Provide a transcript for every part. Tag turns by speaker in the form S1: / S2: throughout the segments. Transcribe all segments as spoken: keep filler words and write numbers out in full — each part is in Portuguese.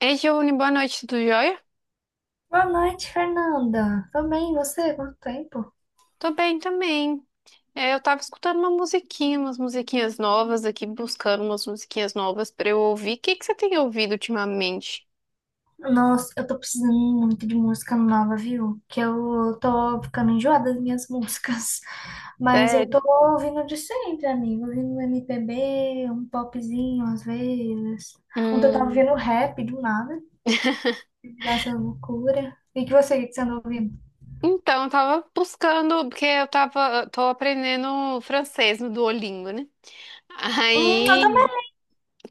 S1: Ei, Giovanni, boa noite, tudo jóia?
S2: Boa noite, Fernanda. Tô bem, e você? Quanto tempo?
S1: Tô bem também. É, eu tava escutando uma musiquinha, umas musiquinhas novas aqui, buscando umas musiquinhas novas pra eu ouvir. O que que você tem ouvido ultimamente?
S2: Nossa, eu tô precisando muito de música nova, viu? Que eu tô ficando enjoada das minhas músicas. Mas eu
S1: Sério?
S2: tô ouvindo de sempre, amigo. Ouvindo um M P B, um popzinho às vezes. Ontem eu tava
S1: Hum,
S2: ouvindo rap do nada, dessa loucura. E que você, o que você anda ouvindo?
S1: então, eu tava buscando, porque eu tava, tô aprendendo francês no Duolingo, né?
S2: Hum, eu
S1: Aí,
S2: também.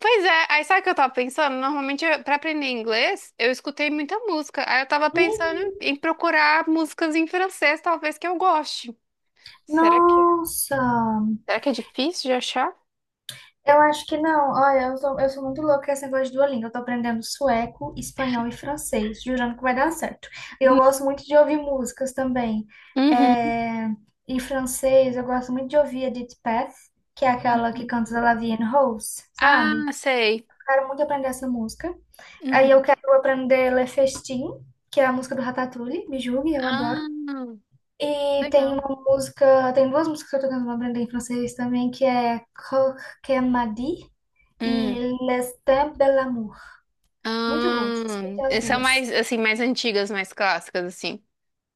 S1: pois é, aí sabe o que eu tava pensando? Normalmente, eu- pra aprender inglês, eu escutei muita música. Aí eu tava pensando
S2: Uhum.
S1: em em procurar músicas em francês, talvez que eu goste. Será que
S2: Nossa!
S1: Será que é difícil de achar?
S2: Eu acho que não. Olha, eu sou, eu sou muito louca com esse negócio de Duolingo. Eu tô aprendendo sueco, espanhol e francês, jurando que vai dar certo. E eu
S1: Hum.
S2: gosto muito de ouvir músicas também.
S1: Uhum.
S2: É, em francês, eu gosto muito de ouvir Edith Piaf, que é aquela que
S1: Uhum.
S2: canta La Vie en Rose, sabe?
S1: Ah, sei.
S2: Quero muito aprender essa música. Aí eu
S1: Uhum.
S2: quero aprender Le Festin, que é a música do Ratatouille, me julgue, eu
S1: Ah,
S2: adoro. E tem
S1: legal.
S2: uma música, tem duas músicas que eu tô tentando aprender em francês também, que é Coq que Madi
S1: Hum.
S2: e L'Estin Belamour. Muito bom, escutei as
S1: Ah, são
S2: duas.
S1: mais, assim, mais antigas, mais clássicas, assim.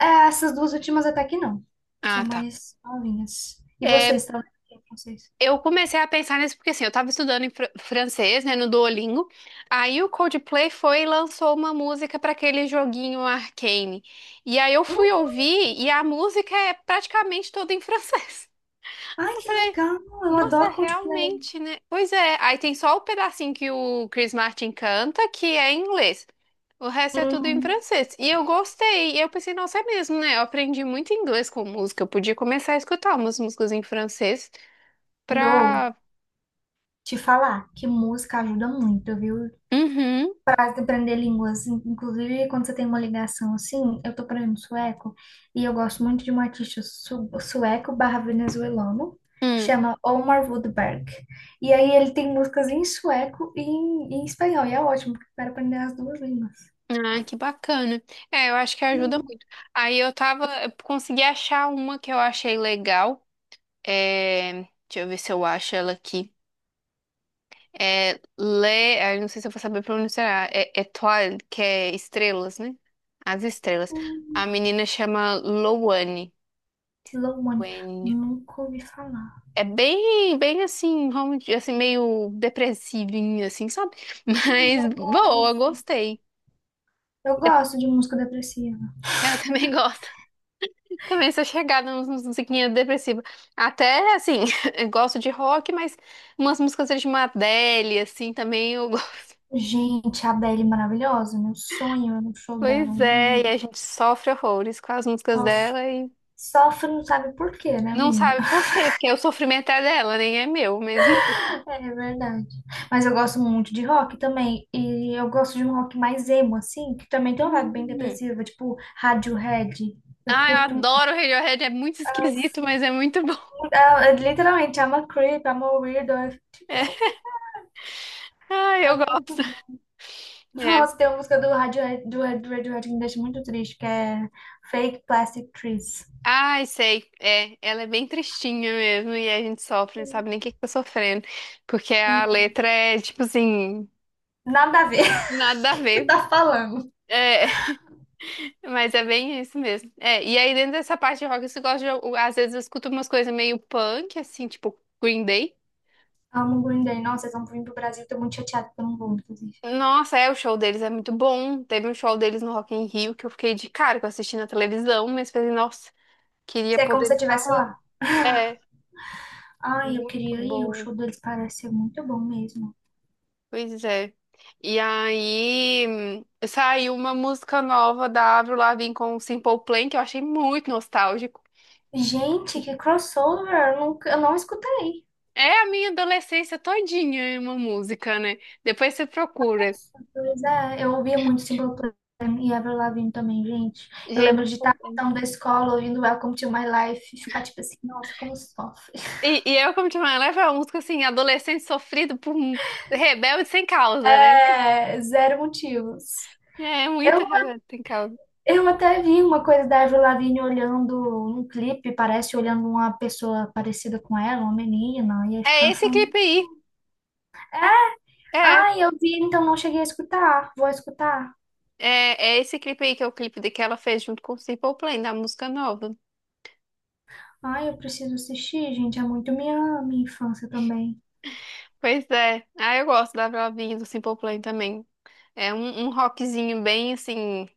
S2: É, essas duas últimas até que não. São
S1: Ah, tá.
S2: mais novinhas. E vocês,
S1: É,
S2: estão lendo francês?
S1: eu comecei a pensar nisso porque, assim, eu tava estudando em fr- francês, né, no Duolingo. Aí o Coldplay foi e lançou uma música para aquele joguinho Arcane. E aí eu
S2: Hum,
S1: fui ouvir e a música é praticamente toda em francês.
S2: ai, que legal! Eu
S1: Nossa,
S2: adoro Coldplay.
S1: realmente, né? Pois é, aí tem só o pedacinho que o Chris Martin canta, que é em inglês. O resto é tudo em
S2: Uhum.
S1: francês. E eu gostei. E eu pensei, nossa, é mesmo, né? Eu aprendi muito inglês com música. Eu podia começar a escutar umas músicas em francês
S2: Dou
S1: pra.
S2: te falar que música ajuda muito, viu?
S1: Uhum.
S2: De aprender línguas, in- inclusive quando você tem uma ligação assim, eu tô aprendendo sueco e eu gosto muito de um artista su- sueco barra venezuelano que
S1: Hum.
S2: chama Omar Woodberg. E aí ele tem músicas em sueco e em, em espanhol, e é ótimo, porque eu quero aprender as duas línguas.
S1: Ah, que bacana. É, eu acho que ajuda
S2: Sim,
S1: muito. Aí eu tava. Eu consegui achar uma que eu achei legal. É... Deixa eu ver se eu acho ela aqui. É, Le, ah, eu não sei se eu vou saber pronunciar. É, é que é estrelas, né? As estrelas.
S2: hum,
S1: A menina chama Loane.
S2: Slow Money,
S1: Wen.
S2: nunca ouvi falar.
S1: É bem, bem assim, rom- assim, meio depressivinho assim, sabe?
S2: Ai,
S1: Mas
S2: eu
S1: boa,
S2: gosto.
S1: gostei.
S2: Eu
S1: De-
S2: gosto de música depressiva.
S1: Eu também gosto. Também sou chegada nas nas musiquinhas depressivas. Até, assim, eu gosto de rock, mas umas músicas de uma Adele, assim, também eu gosto.
S2: Gente, a Adele é maravilhosa, meu sonho é um show dela,
S1: Pois é, e
S2: juro.
S1: a gente sofre horrores com as músicas
S2: Só
S1: dela.
S2: sofre, não sabe por quê, né,
S1: Não
S2: menina?
S1: sabe por quê, porque o sofrimento é dela, nem é meu, mas enfim.
S2: É verdade. Mas eu gosto muito de rock também. E eu gosto de um rock mais emo, assim, que também tem uma vibe bem
S1: Hum.
S2: depressiva, tipo Radiohead. Eu
S1: Ah, eu
S2: curto muito.
S1: adoro o Radiohead, é muito esquisito,
S2: Nossa,
S1: mas é muito bom.
S2: muito- ah, eu literalmente, I'm a creep, I'm a weirdo. É tipo,
S1: É.
S2: oh my God,
S1: Ah,
S2: é
S1: eu
S2: muito
S1: gosto.
S2: bom.
S1: É.
S2: Nossa, tem uma música do Radiohead, do Red- do Radiohead que me deixa muito triste, que é Fake Plastic Trees.
S1: Ai, sei. É, ela é bem tristinha mesmo, e a gente sofre, não sabe nem o que que tá sofrendo. Porque
S2: É,
S1: a letra é, tipo assim,
S2: nada a ver.
S1: nada a
S2: O que você
S1: ver.
S2: tá falando?
S1: É, mas é bem isso mesmo. É, e aí dentro dessa parte de rock, você gosta de, às vezes eu escuto umas coisas meio punk, assim, tipo Green Day.
S2: Amo o Green Day. Nossa, eles vão vir pro Brasil. Tô muito chateada que eu não vou, inclusive.
S1: Nossa, é, o show deles é muito bom. Teve um show deles no Rock in Rio que eu fiquei de cara, que eu assisti na televisão, mas falei, nossa, queria
S2: Isso é como
S1: poder
S2: se eu
S1: estar
S2: estivesse lá.
S1: lá. É,
S2: Ai, eu
S1: muito
S2: queria ir. O
S1: bom.
S2: show deles parece ser muito bom mesmo.
S1: Pois é. E aí hum, saiu uma música nova da Avril Lavigne com o Simple Plan, que eu achei muito nostálgico.
S2: Gente, que crossover! Eu, nunca, eu não escutei.
S1: É a minha adolescência todinha, é uma música, né? Depois você procura.
S2: Pois é, eu ouvia muito Simple Plan e Avril Lavigne também, gente. Eu
S1: Gente,
S2: lembro de
S1: Simple
S2: estar
S1: Plan.
S2: voltando da escola ouvindo Welcome to My Life e ficar tipo assim, nossa, como sofre.
S1: E, e eu, como te falei, ela é uma música assim, adolescente sofrido por um rebelde sem causa, né?
S2: É, zero motivos.
S1: É é muita
S2: Eu
S1: razão tem causa.
S2: Eu até vi uma coisa da Avril Lavigne olhando um clipe, parece olhando uma pessoa parecida com ela, uma menina, e aí
S1: É
S2: ficaram
S1: esse
S2: falando:
S1: clipe aí. É,
S2: ai, eu vi, então não cheguei a escutar, vou escutar.
S1: é, é esse clipe aí que é o clipe de que ela fez junto com o Simple Plan, da música nova.
S2: Ai, eu preciso assistir, gente, é muito minha, minha infância também.
S1: Pois é. Ah, eu gosto da Avril Lavigne e do Simple Plan também. É um, um rockzinho bem, assim,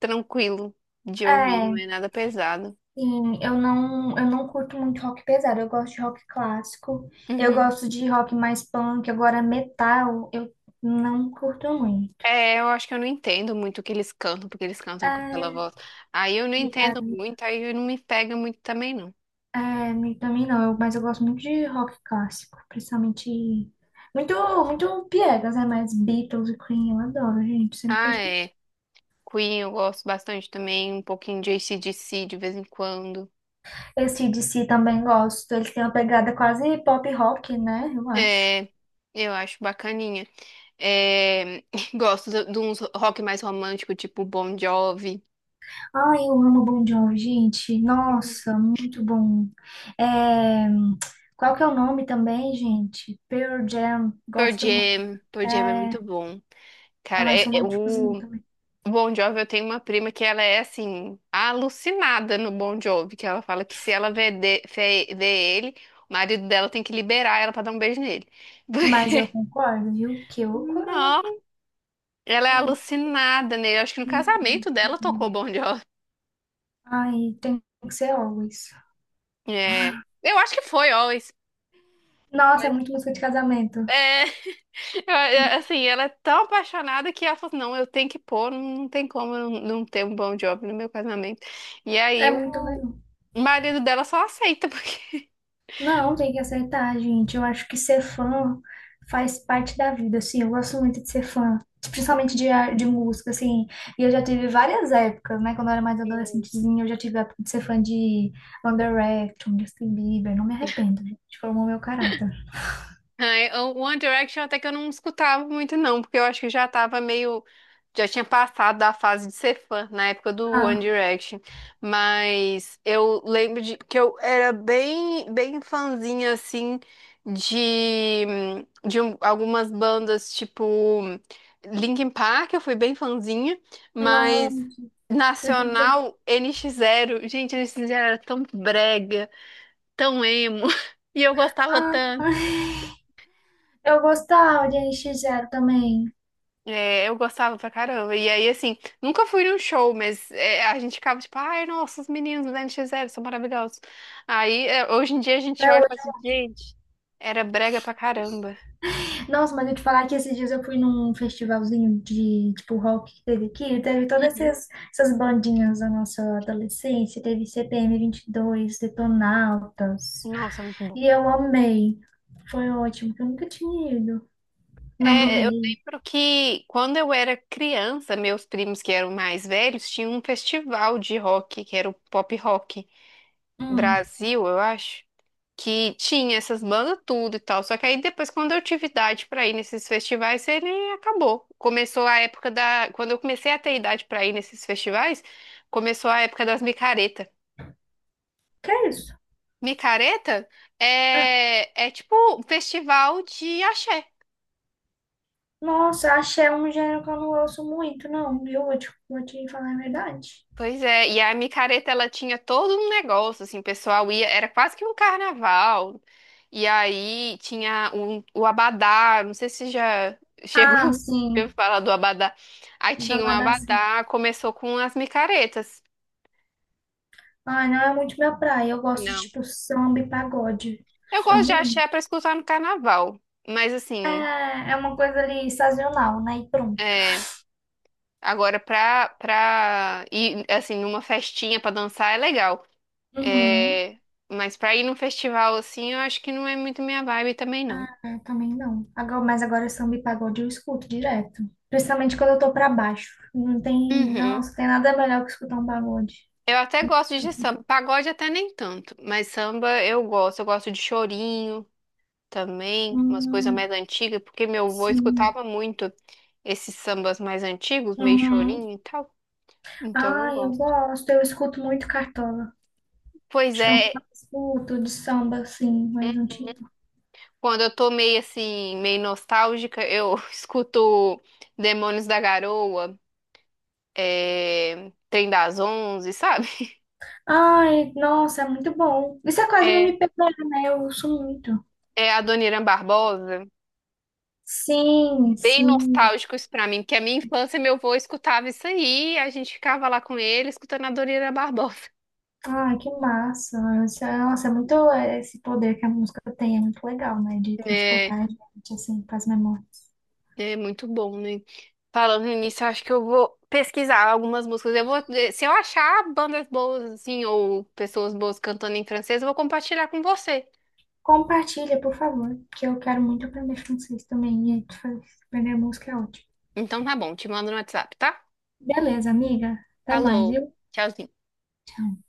S1: tranquilo de ouvir,
S2: É,
S1: não é nada pesado.
S2: sim, eu não, eu não curto muito rock pesado, eu gosto de rock clássico, eu
S1: Uhum.
S2: gosto de rock mais punk, agora metal, eu não curto muito.
S1: É, eu acho que eu não entendo muito o que eles cantam, porque eles cantam com aquela
S2: É,
S1: voz. Aí eu não entendo muito, aí não me pega muito também, não.
S2: É, me- também não, eu- mas eu gosto muito de rock clássico, principalmente muito, muito piegas, né? Mas Beatles e Queen eu adoro, gente, sempre
S1: Ah,
S2: escuto.
S1: é. Queen eu gosto bastante também, um pouquinho de C D C de vez em quando.
S2: Esse A C/D C também gosto, eles têm uma pegada quase pop rock, né? Eu acho.
S1: É, eu acho bacaninha. É, gosto de, de uns rock mais romântico, tipo Bon Jovi.
S2: Ai, eu amo Bon Jovi, gente, nossa, muito bom. É, qual que é o nome também, gente? Pearl Jam,
S1: Pearl
S2: gosto muito.
S1: Jam. Pearl Jam é
S2: É,
S1: muito bom.
S2: é
S1: Cara,
S2: mais
S1: é, é
S2: românticozinho
S1: o
S2: também.
S1: Bon Jovi, eu tenho uma prima que ela é, assim, alucinada no Bon Jovi, que ela fala que se ela vê, de- vê- vê ele, o marido dela tem que liberar ela pra dar um beijo nele.
S2: Mas eu
S1: Porque,
S2: concordo, viu? Que o coroa
S1: não,
S2: aqui,
S1: ela é alucinada nele. Eu acho que no casamento dela tocou Bon Jovi.
S2: ai, tem que ser always.
S1: É, eu acho que foi Always.
S2: Nossa, é
S1: Foi.
S2: muito música de casamento.
S1: É. Eu- eu- Assim, ela é tão apaixonada que ela falou, assim, não, eu tenho que pôr, não não tem como eu não ter um bom job no meu casamento. E
S2: É
S1: aí
S2: muito
S1: o
S2: legal.
S1: marido dela só aceita, porque...
S2: Não, tem que aceitar, gente. Eu acho que ser fã faz parte da vida, assim. Eu gosto muito de ser fã, principalmente de, ar- de música, assim. E eu já tive várias épocas, né? Quando eu era mais adolescentezinha, eu já tive a época de ser fã de One Direction, Justin Bieber. Não me arrependo, gente. Formou meu caráter.
S1: É, o One Direction até que eu não escutava muito, não, porque eu acho que já tava meio. Já tinha passado da fase de ser fã na época do One
S2: Ah,
S1: Direction. Mas eu lembro de que eu era bem, bem fãzinha, assim, de, de um- algumas bandas, tipo Linkin Park, eu fui bem fãzinha, mas
S2: não.
S1: Nacional, N NX Zero. Gente, N NX Zero era tão brega, tão emo, e eu gostava
S2: Ah,
S1: tanto.
S2: eu gostava de N X Zero também.
S1: É, eu gostava pra caramba. E aí, assim, nunca fui num show, mas é, a gente ficava tipo, ai, nossa, os meninos do N X Zero são maravilhosos. Aí, é, hoje em dia a gente
S2: Até
S1: olha e fala assim, gente, era brega pra caramba.
S2: nossa, mas eu te falar que esses dias eu fui num festivalzinho de, tipo, rock que teve aqui, e teve todas
S1: Uhum.
S2: essas, essas bandinhas da nossa adolescência, teve C P M vinte e dois, Detonautas,
S1: Nossa, muito bom.
S2: e eu amei. Foi ótimo, que eu nunca tinha ido. Não do
S1: É, eu
S2: Rei.
S1: lembro que quando eu era criança, meus primos que eram mais velhos tinham um festival de rock, que era o Pop Rock
S2: Hum,
S1: Brasil, eu acho. Que tinha essas bandas tudo e tal. Só que aí depois, quando eu tive idade pra ir nesses festivais, ele acabou. Começou a época da. Quando eu comecei a ter idade pra ir nesses festivais, começou a época das micareta.
S2: que é isso?
S1: Micareta
S2: Ah,
S1: é, é tipo um festival de axé.
S2: nossa, axé é um gênero que eu não ouço muito, não, viu? Vou te, vou te falar a verdade.
S1: Pois é, e a micareta ela tinha todo um negócio, assim, o pessoal ia, era quase que um carnaval. E aí tinha um- o abadá, não sei se já
S2: Ah,
S1: chegou a
S2: sim,
S1: falar do abadá. Aí tinha um
S2: Dabadá, sim.
S1: abadá, começou com as micaretas.
S2: Ai, não é muito minha praia, eu gosto de,
S1: Não.
S2: tipo, samba e pagode.
S1: Eu gosto de
S2: Amo.
S1: axé para escutar no carnaval, mas assim,
S2: É, é uma coisa ali sazonal, né? E pronto.
S1: é, agora pra, pra, ir, assim, numa festinha pra dançar é legal.
S2: Uhum.
S1: É, mas pra ir num festival assim, eu acho que não é muito minha vibe também,
S2: Ah,
S1: não.
S2: eu também não. Agora, mas agora samba e pagode eu escuto direto. Principalmente quando eu tô pra baixo. Não tem,
S1: Uhum.
S2: nossa, tem nada melhor que escutar um pagode.
S1: Eu até gosto de
S2: Assim,
S1: samba. Pagode até nem tanto, mas samba eu gosto. Eu gosto de chorinho também, umas coisas
S2: hum,
S1: mais antigas, porque meu avô
S2: sim.
S1: escutava muito esses sambas mais antigos, meio
S2: Uhum.
S1: chorinho e tal. Então eu
S2: Ah, eu
S1: gosto.
S2: gosto. Eu escuto muito Cartola.
S1: Pois
S2: Acho que é um que eu
S1: é,
S2: mais escuto de samba, assim, mais antigo.
S1: quando eu tô meio assim, meio nostálgica, eu escuto Demônios da Garoa, é... Trem das Onze, sabe?
S2: Ai, nossa, é muito bom. Isso é quase um
S1: É,
S2: M P B, né? Eu uso muito.
S1: é a Dona Irã Barbosa.
S2: Sim,
S1: Bem
S2: sim.
S1: nostálgicos pra mim, porque a minha infância, meu avô escutava isso aí, a gente ficava lá com ele, escutando a Doriana Barbosa.
S2: Ai, que massa. Isso é- nossa, é muito é, esse poder que a música tem, é muito legal, né? De
S1: É,
S2: transportar a gente, assim, para as memórias.
S1: é muito bom, né? Falando nisso, eu acho que eu vou pesquisar algumas músicas. Eu vou, eh, se eu achar bandas boas, assim, ou pessoas boas cantando em francês, eu vou compartilhar com você.
S2: Compartilha, por favor, que eu quero muito aprender francês também. E fa- aprender música é ótimo.
S1: Então tá bom, te mando no WhatsApp, tá?
S2: Beleza, amiga. Até mais,
S1: Falou,
S2: viu?
S1: tchauzinho.
S2: Tchau.